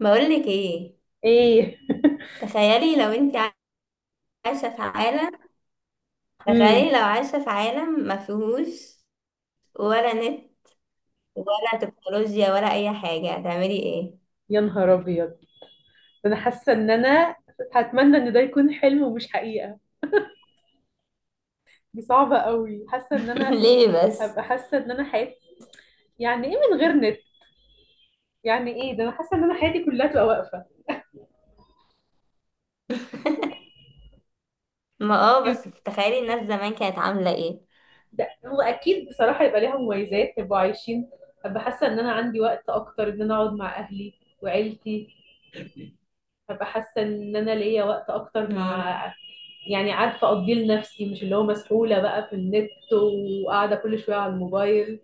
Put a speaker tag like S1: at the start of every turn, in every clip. S1: بقولك ايه؟
S2: ايه.
S1: تخيلي لو انت عايشة في عالم
S2: امم
S1: تخيلي لو عايشة في عالم ما فيهوش ولا نت ولا تكنولوجيا ولا اي حاجة هتعملي ايه؟
S2: يا نهار ابيض. انا حاسه ان انا هتمنى ان ده يكون حلم ومش حقيقه. دي صعبه قوي، حاسه ان انا
S1: ليه بس؟
S2: هبقى حاسه ان انا حياتي، يعني ايه من غير نت؟ يعني ايه ده؟ انا حاسه ان انا حياتي كلها تبقى واقفه.
S1: ما اه بس تخيلي الناس زمان كانت عاملة ايه؟
S2: ده هو اكيد بصراحه يبقى ليها مميزات يبقوا عايشين. هبقى حاسه ان انا عندي وقت اكتر ان انا اقعد مع اهلي وعيلتي. هبقى حاسه ان انا ليا وقت اكتر مع،
S1: مم.
S2: يعني عارفه اقضيه لنفسي، مش اللي هو مسحوله بقى في النت وقاعده كل شويه على الموبايل.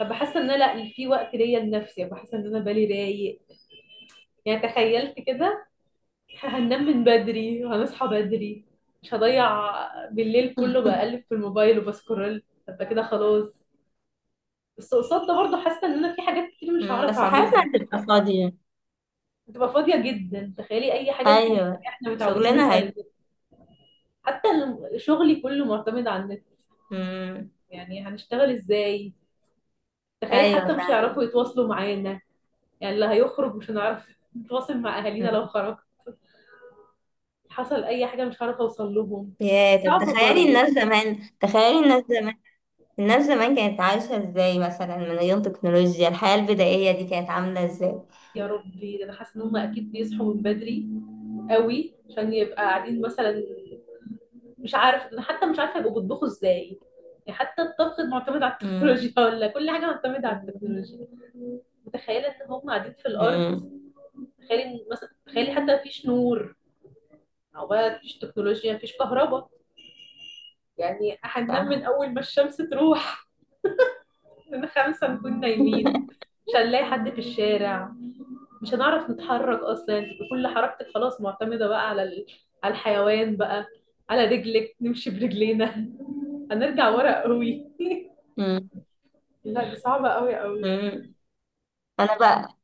S2: فبحس ان انا، لا، في وقت ليا لنفسي، بحس ان انا بالي رايق. يعني تخيلت كده هننام من بدري وهنصحى بدري، مش هضيع بالليل كله بقلب في الموبايل وبسكرول. هبقى كده خلاص. بس قصاد ده برضه حاسه ان انا في حاجات كتير مش
S1: مم.
S2: هعرف
S1: بس حياتنا
S2: اعملها.
S1: هتبقى فاضية.
S2: هتبقى فاضيه جدا. تخيلي اي حاجه انت
S1: ايوه،
S2: محتاجه احنا متعودين
S1: شغلنا
S2: نسال
S1: هي.
S2: النت. حتى شغلي كله معتمد على النت،
S1: مم.
S2: يعني هنشتغل ازاي؟ تخيلي
S1: ايوه
S2: حتى مش
S1: فعلا.
S2: هيعرفوا يتواصلوا معانا. يعني اللي هيخرج مش هنعرف نتواصل مع اهالينا
S1: مم.
S2: لو خرج، حصل اي حاجه مش هعرف اوصل لهم.
S1: يا طب
S2: صعبه
S1: تخيلي
S2: برضو.
S1: الناس زمان تخيلي الناس زمان الناس زمان كانت عايشة ازاي مثلا من غير تكنولوجيا؟ الحياة البدائية دي كانت عاملة ازاي؟
S2: يا ربي، ده انا حاسه ان هم اكيد بيصحوا من بدري قوي عشان يبقى قاعدين مثلا. مش عارف انا، حتى مش عارفه يبقوا بيطبخوا ازاي. يعني حتى الطبخ معتمد على التكنولوجيا.
S1: امم.
S2: ولا كل حاجه معتمده على التكنولوجيا. متخيله ان هم قاعدين في الارض.
S1: امم.
S2: تخيلي إن مثلا، تخيلي حتى مفيش نور، او بقى مفيش تكنولوجيا، مفيش كهرباء. يعني هننام من
S1: صح.
S2: اول ما الشمس تروح، من خمسه نكون نايمين. مش هنلاقي حد في الشارع. مش هنعرف نتحرك اصلا. انت كل حركتك خلاص معتمده بقى على على الحيوان بقى، على رجلك، نمشي برجلينا. هنرجع ورا قوي.
S1: امم.
S2: لا، دي صعبه قوي قوي.
S1: امم. انا بقى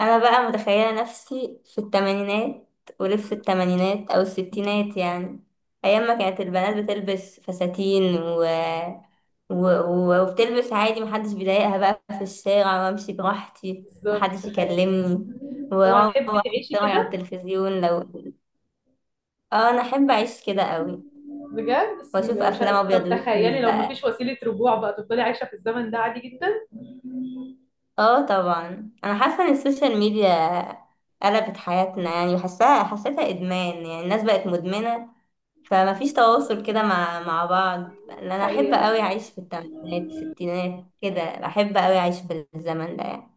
S1: انا بقى متخيلة نفسي في الثمانينات، ولف الثمانينات او الستينات يعني، ايام ما كانت البنات بتلبس فساتين وبتلبس عادي، محدش بيضايقها بقى في الشارع، وامشي براحتي
S2: بالظبط،
S1: محدش
S2: تخيل.
S1: يكلمني،
S2: طب
S1: واروح
S2: هتحبي تعيشي
S1: اتفرج على
S2: كده
S1: التلفزيون اه، انا احب اعيش كده قوي،
S2: بجد؟ بس
S1: واشوف
S2: م- مش
S1: افلام
S2: ه...
S1: ابيض
S2: طب تخيلي
S1: واسود
S2: لو مفيش
S1: بقى.
S2: وسيله رجوع بقى، تفضلي عايشه في الزمن ده عادي جدا.
S1: اه طبعا، انا حاسه ان السوشيال ميديا قلبت حياتنا يعني، حسيتها ادمان، يعني الناس بقت مدمنه، فما فيش تواصل كده مع بعض. لأن انا احب
S2: حقيقه.
S1: قوي اعيش في الثمانينات الستينات كده، احب قوي اعيش في الزمن ده يعني.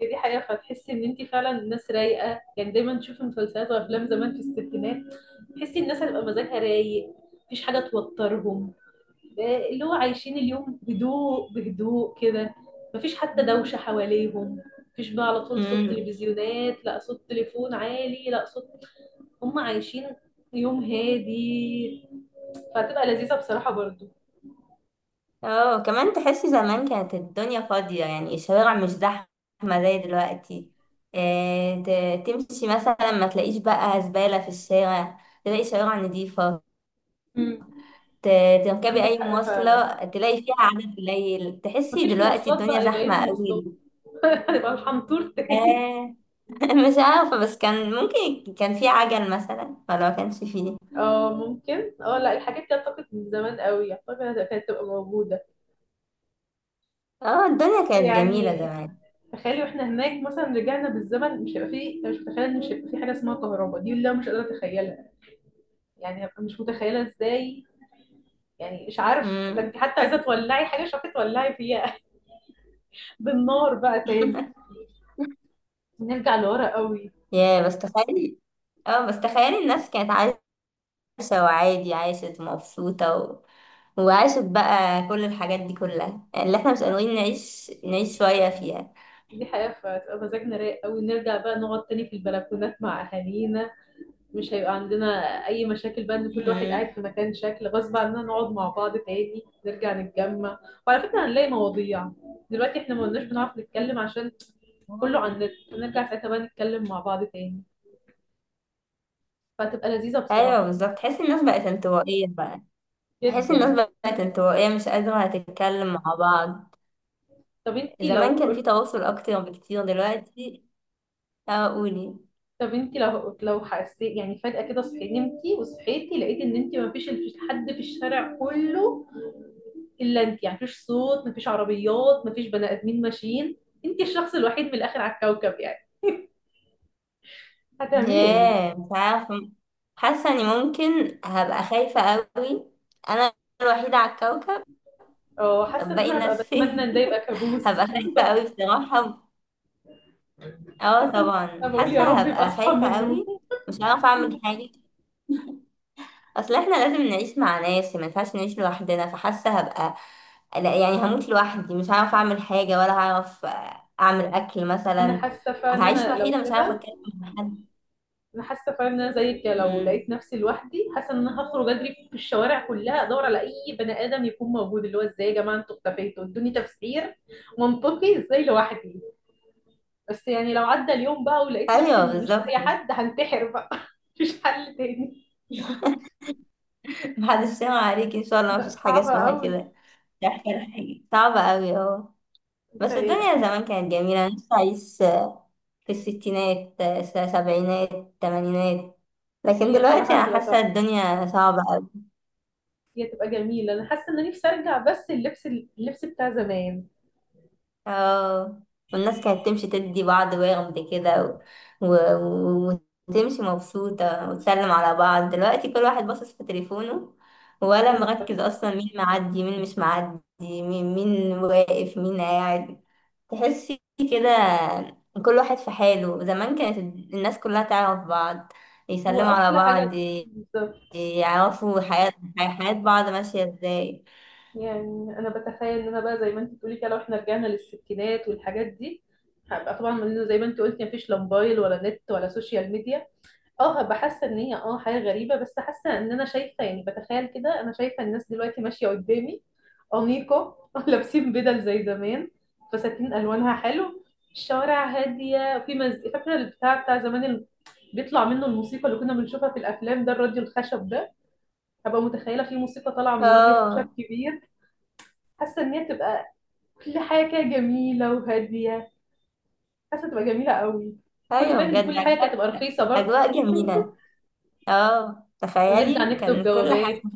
S2: هي دي حقيقه، فتحسي ان انت فعلا ناس رايقه. يعني دايما تشوفي مسلسلات وافلام زمان في الستينات، تحسي الناس هتبقى مزاجها رايق، مفيش حاجه توترهم. اللي هو عايشين اليوم هدوء بهدوء كده، مفيش حتى دوشة حواليهم، مفيش بقى على طول صوت
S1: امم.
S2: تلفزيونات، لا صوت تليفون عالي، لا صوت. هم عايشين يوم هادي، فهتبقى لذيذة بصراحة برضو.
S1: اه كمان تحسي زمان كانت الدنيا فاضيه، يعني الشوارع مش زحمه زي دلوقتي. إيه؟ تمشي مثلا ما تلاقيش بقى زباله في الشارع، تلاقي شوارع نظيفة.
S2: مم.
S1: ت- تركبي
S2: عندك
S1: أي
S2: حق فعلا.
S1: مواصلة تلاقي فيها عدد قليل، تحسي
S2: مفيش
S1: دلوقتي
S2: مواصلات
S1: الدنيا
S2: بقى، يبقى ايه
S1: زحمة
S2: المواصلات؟
S1: قوي.
S2: هنبقى الحنطور تاني.
S1: آه. مش عارفة، بس كان ممكن كان في عجل مثلا، ولا ما كانش فيه.
S2: اه ممكن، اه لا، الحاجات دي اعتقد من زمان قوي اعتقد كانت هتبقى موجودة.
S1: اه الدنيا
S2: بس
S1: كانت جميلة
S2: يعني
S1: زمان.
S2: تخيلي واحنا هناك مثلا رجعنا بالزمن، مش هيبقى فيه، مش متخيله ان مش هيبقى فيه حاجه اسمها كهرباء. دي اللي انا مش قادره اتخيلها. يعني هبقى مش متخيله ازاي. يعني مش عارف، ده
S1: مم.
S2: انت حتى عايزه تولعي حاجه مش عارفه تولعي فيها. بالنار بقى تاني، نرجع لورا قوي.
S1: يا بس تخيلي اه بس تخيلي الناس كانت عايشة وعادي، عايشة ومبسوطة وعاشت بقى كل الحاجات دي كلها، اللي احنا مش قادرين نعيش شوية فيها.
S2: دي حقيقة، فتبقى مزاجنا رايق قوي، نرجع بقى نقعد تاني في البلكونات مع أهالينا. مش هيبقى عندنا أي مشاكل بقى إن كل واحد قاعد
S1: مم.
S2: في مكان شكل، غصب عننا نقعد مع بعض تاني، نرجع نتجمع. وعلى فكرة هنلاقي مواضيع. دلوقتي احنا ما قلناش بنعرف نتكلم عشان كله على النت، ونرجع ساعتها بقى نتكلم مع بعض تاني. فهتبقى لذيذة
S1: ايوه
S2: بصراحة
S1: بالظبط، تحسي الناس بقت انطوائية بقى. بحس الناس
S2: جدا.
S1: بقت انطوائية، مش قادرة تتكلم مع بعض.
S2: طب انتي لو
S1: زمان كان في تواصل أكتر بكتير دلوقتي. اه قولي.
S2: طب انتي لو لو حسيت يعني فجأة كده صحيت، نمتي وصحيتي لقيت ان انتي مفيش حد في الشارع كله الا انتي. يعني مفيش صوت، مفيش عربيات، مفيش بني ادمين ماشيين، انتي الشخص الوحيد من الاخر على الكوكب يعني. هتعملي ايه؟
S1: ياه مش عارفة، حاسة إني ممكن هبقى خايفة أوي، أنا الوحيدة على الكوكب.
S2: اه، حاسة
S1: طب
S2: ان
S1: باقي
S2: انا هبقى
S1: الناس
S2: بتمنى
S1: فين؟
S2: ان ده يبقى كابوس.
S1: هبقى خايفة
S2: بالظبط.
S1: أوي بصراحة. اه
S2: حاسة ان انا
S1: طبعا
S2: هبقى بقول يا
S1: حاسة
S2: رب يبقى
S1: هبقى
S2: اصحى من
S1: خايفة
S2: النوم.
S1: أوي، مش عارفة أعمل حاجة. أصل احنا لازم نعيش مع ناس، ما ينفعش نعيش لوحدنا، فحاسة هبقى، لا يعني هموت لوحدي، مش هعرف اعمل حاجة ولا هعرف اعمل اكل
S2: وانا
S1: مثلا،
S2: حاسة فعلا ان
S1: هعيش
S2: انا لو
S1: وحيدة مش هعرف
S2: كده.
S1: اتكلم مع حد.
S2: انا حاسه فعلا ان انا زيك، لو لقيت
S1: مم.
S2: نفسي لوحدي، حاسه ان انا هخرج اجري في الشوارع كلها ادور على اي بني ادم يكون موجود. اللي هو ازاي يا جماعه انتوا اختفيتوا؟ ادوني تفسير منطقي، ازاي لوحدي؟ بس يعني لو عدى اليوم بقى ولقيت نفسي
S1: ايوه
S2: إن مش
S1: بالظبط.
S2: لاقيه حد، هنتحر بقى. مفيش حل تاني.
S1: محدش سامع عليك ان شاء الله،
S2: لا،
S1: مفيش حاجة
S2: صعبه
S1: اسمها
S2: قوي.
S1: كده. مش عارفة ولا حاجة، صعبة اوي اهو.
S2: انت
S1: بس
S2: ايه
S1: الدنيا
S2: أصل؟
S1: زمان كانت جميلة، انا نفسي اعيش في الستينات السبعينات الثمانينات، لكن
S2: هي
S1: دلوقتي
S2: بصراحه
S1: انا
S2: بتبقى
S1: حاسة
S2: تحفه.
S1: الدنيا صعبة.
S2: هي تبقى جميله. انا حاسه ان انا نفسي ارجع بس اللبس، اللبس بتاع زمان.
S1: اه، والناس كانت تمشي تدي بعض وغد كده، و... و... وتمشي مبسوطة، وتسلم على بعض. دلوقتي كل واحد باصص في تليفونه، ولا
S2: بالظبط.
S1: مركز أصلا مين معدي مين مش معدي، مين واقف مين قاعد. تحسي كده كل واحد في حاله. زمان كانت الناس كلها تعرف بعض، يسلموا على
S2: واحلى حاجه.
S1: بعض،
S2: بالظبط.
S1: يعرفوا حياة بعض ماشية ازاي.
S2: يعني انا بتخيل ان انا بقى زي ما انت بتقولي كده، لو احنا رجعنا للستينات والحاجات دي، هبقى طبعا من زي ما انت قلتي مفيش لا موبايل ولا نت ولا سوشيال ميديا. اه هبقى حاسه ان هي، اه، حاجه غريبه، بس حاسه ان انا شايفه، يعني بتخيل كده، انا شايفه الناس دلوقتي ماشيه قدامي انيقه، لابسين بدل زي زمان، فساتين الوانها حلو، الشوارع هاديه، في فاكره البتاع بتاع زمان اللي بيطلع منه الموسيقى اللي كنا بنشوفها في الافلام، ده الراديو الخشب ده. هبقى متخيله في موسيقى طالعه من راديو خشب
S1: اه
S2: كبير. حاسه ان هي تبقى كل حاجه كده جميله وهاديه. حاسه تبقى جميله قوي. خدي
S1: ايوه
S2: بالك ان
S1: بجد،
S2: كل حاجه كانت تبقى رخيصه برضه.
S1: أجواء جميلة. اه
S2: ونرجع
S1: تخيلي
S2: نكتب
S1: كان كل حاجة
S2: جوابات.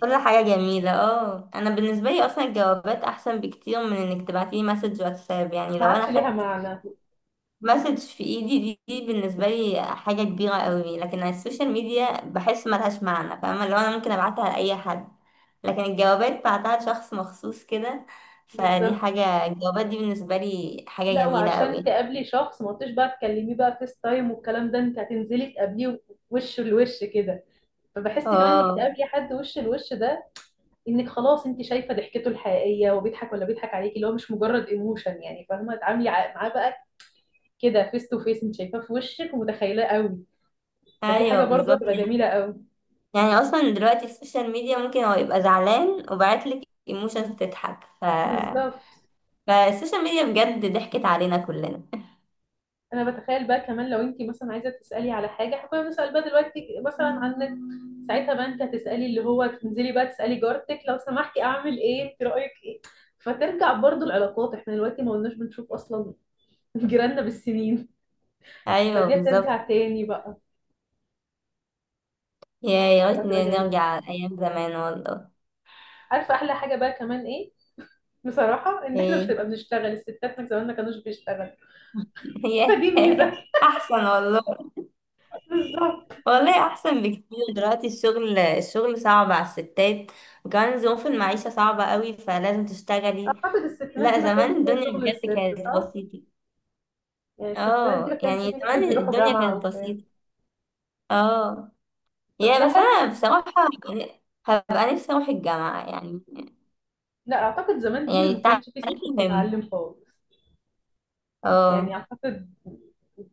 S1: كل حاجة جميلة. اه، انا بالنسبة لي اصلا الجوابات احسن بكتير من انك تبعتيلي مسج واتساب، يعني
S2: ما
S1: لو
S2: عادش
S1: انا
S2: ليها
S1: خدت
S2: معنى.
S1: مسج في ايدي دي، بالنسبة لي حاجة كبيرة قوي، لكن على السوشيال ميديا بحس ملهاش معنى، فاهمة؟ لو انا ممكن ابعتها لأي حد، لكن الجوابات بعتها لشخص مخصوص كده، فدي
S2: بالظبط.
S1: حاجة الجوابات دي بالنسبة لي حاجة
S2: لا،
S1: جميلة
S2: وعشان
S1: قوي.
S2: تقابلي شخص ما قلتش بقى تكلميه بقى فيس تايم والكلام ده، انت هتنزلي تقابليه وش لوش كده. فبحس كمان انك
S1: اه
S2: تقابلي حد وش لوش ده، انك خلاص انت شايفه ضحكته الحقيقيه وبيضحك ولا بيضحك عليكي، اللي هو مش مجرد ايموشن يعني، فاهمه؟ تعاملي معاه بقى كده فيس تو فيس، انت شايفاه في وشك ومتخيلاه قوي. فدي
S1: ايوه
S2: حاجة برضه
S1: بالظبط.
S2: هتبقى جميلة قوي.
S1: يعني اصلا دلوقتي السوشيال ميديا ممكن هو يبقى زعلان وبعتلك ايموشنز تضحك،
S2: بالظبط.
S1: فالسوشيال ميديا بجد ضحكت علينا كلنا.
S2: انا بتخيل بقى كمان لو انت مثلا عايزة تسألي على حاجة، احنا كنا بنسأل بقى دلوقتي مثلا عن النت، ساعتها بقى انت هتسألي، اللي هو تنزلي بقى تسألي جارتك لو سمحتي اعمل ايه، انت رأيك ايه. فترجع برضه العلاقات. احنا دلوقتي ما قلناش بنشوف اصلا جيراننا بالسنين.
S1: ايوه
S2: فدي
S1: بالظبط.
S2: هترجع تاني بقى،
S1: يا
S2: فتبقى
S1: ريتني
S2: جميلة.
S1: نرجع ايام زمان والله.
S2: عارفة احلى حاجة بقى كمان ايه؟ بصراحة ان احنا مش
S1: ايه؟
S2: هنبقى بنشتغل، الستات من زمان ما كانوش بيشتغلوا.
S1: يا
S2: فدي ميزة.
S1: احسن والله،
S2: بالظبط.
S1: والله احسن بكتير. دلوقتي الشغل صعب على الستات، وكمان ظروف المعيشة صعبة قوي، فلازم تشتغلي.
S2: اعتقد الستينات
S1: لا
S2: دي ما كانش
S1: زمان
S2: فيها
S1: الدنيا
S2: شغل
S1: بجد
S2: للست،
S1: كانت
S2: صح؟
S1: بسيطة.
S2: يعني الستات دي ما
S1: اه
S2: كانش
S1: يعني
S2: في ستات
S1: زمان
S2: بيروحوا
S1: الدنيا
S2: جامعة
S1: كانت
S2: وبتاع.
S1: بسيطة. اه.
S2: طب ده
S1: يعني بس
S2: حلو.
S1: انا بصراحة، يعني هبقى نفسي اروح الجامعة يعني،
S2: لا، أعتقد زمان دي
S1: يعني
S2: اللي ما
S1: التعليم
S2: كانش في ست
S1: مهم.
S2: بتتعلم خالص. يعني
S1: اه.
S2: أعتقد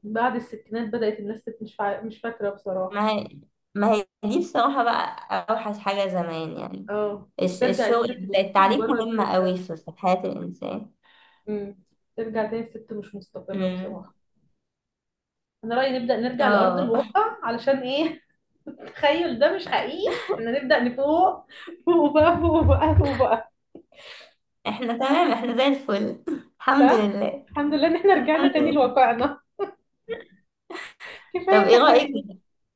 S2: بعد الستينات بدأت الناس مش مش فاكرة بصراحة.
S1: ما هي ما هي دي بصراحة بقى اوحش حاجة زمان يعني،
S2: اه، هترجع الست
S1: الشغل،
S2: تاني
S1: التعليم
S2: مجرد.
S1: مهم قوي في حياة الانسان.
S2: مم. ترجع تاني الست مش مستقرة
S1: امم.
S2: بصراحة. أنا رأيي نبدأ نرجع لأرض
S1: اه.
S2: الواقع، علشان إيه. التخيل ده مش حقيقي، إحنا نبدأ نفوق. فوق بقى، فوق بقى، فوق بقى.
S1: احنا تمام، احنا زي الفل. الحمد
S2: صح،
S1: لله.
S2: الحمد لله إن إحنا رجعنا
S1: الحمد
S2: تاني
S1: لله.
S2: لواقعنا.
S1: طب
S2: كفاية
S1: ايه رأيك
S2: تخيل.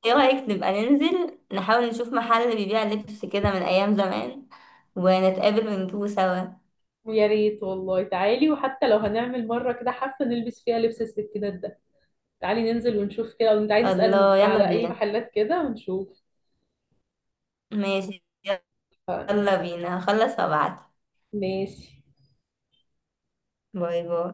S1: ايه رأيك نبقى ننزل نحاول نشوف محل بيبيع لبس كده من ايام زمان، ونتقابل ونجيبه سوا.
S2: يا ريت والله، تعالي. وحتى لو هنعمل مرة كده حفلة نلبس فيها لبس الستينات ده، تعالي ننزل ونشوف كده، وتعالي نسأل
S1: الله، يلا
S2: على أي
S1: بينا.
S2: محلات كده ونشوف.
S1: ماشي.
S2: ف-
S1: يلا بينا، هخلص وابعت.
S2: ماشي.
S1: باي باي.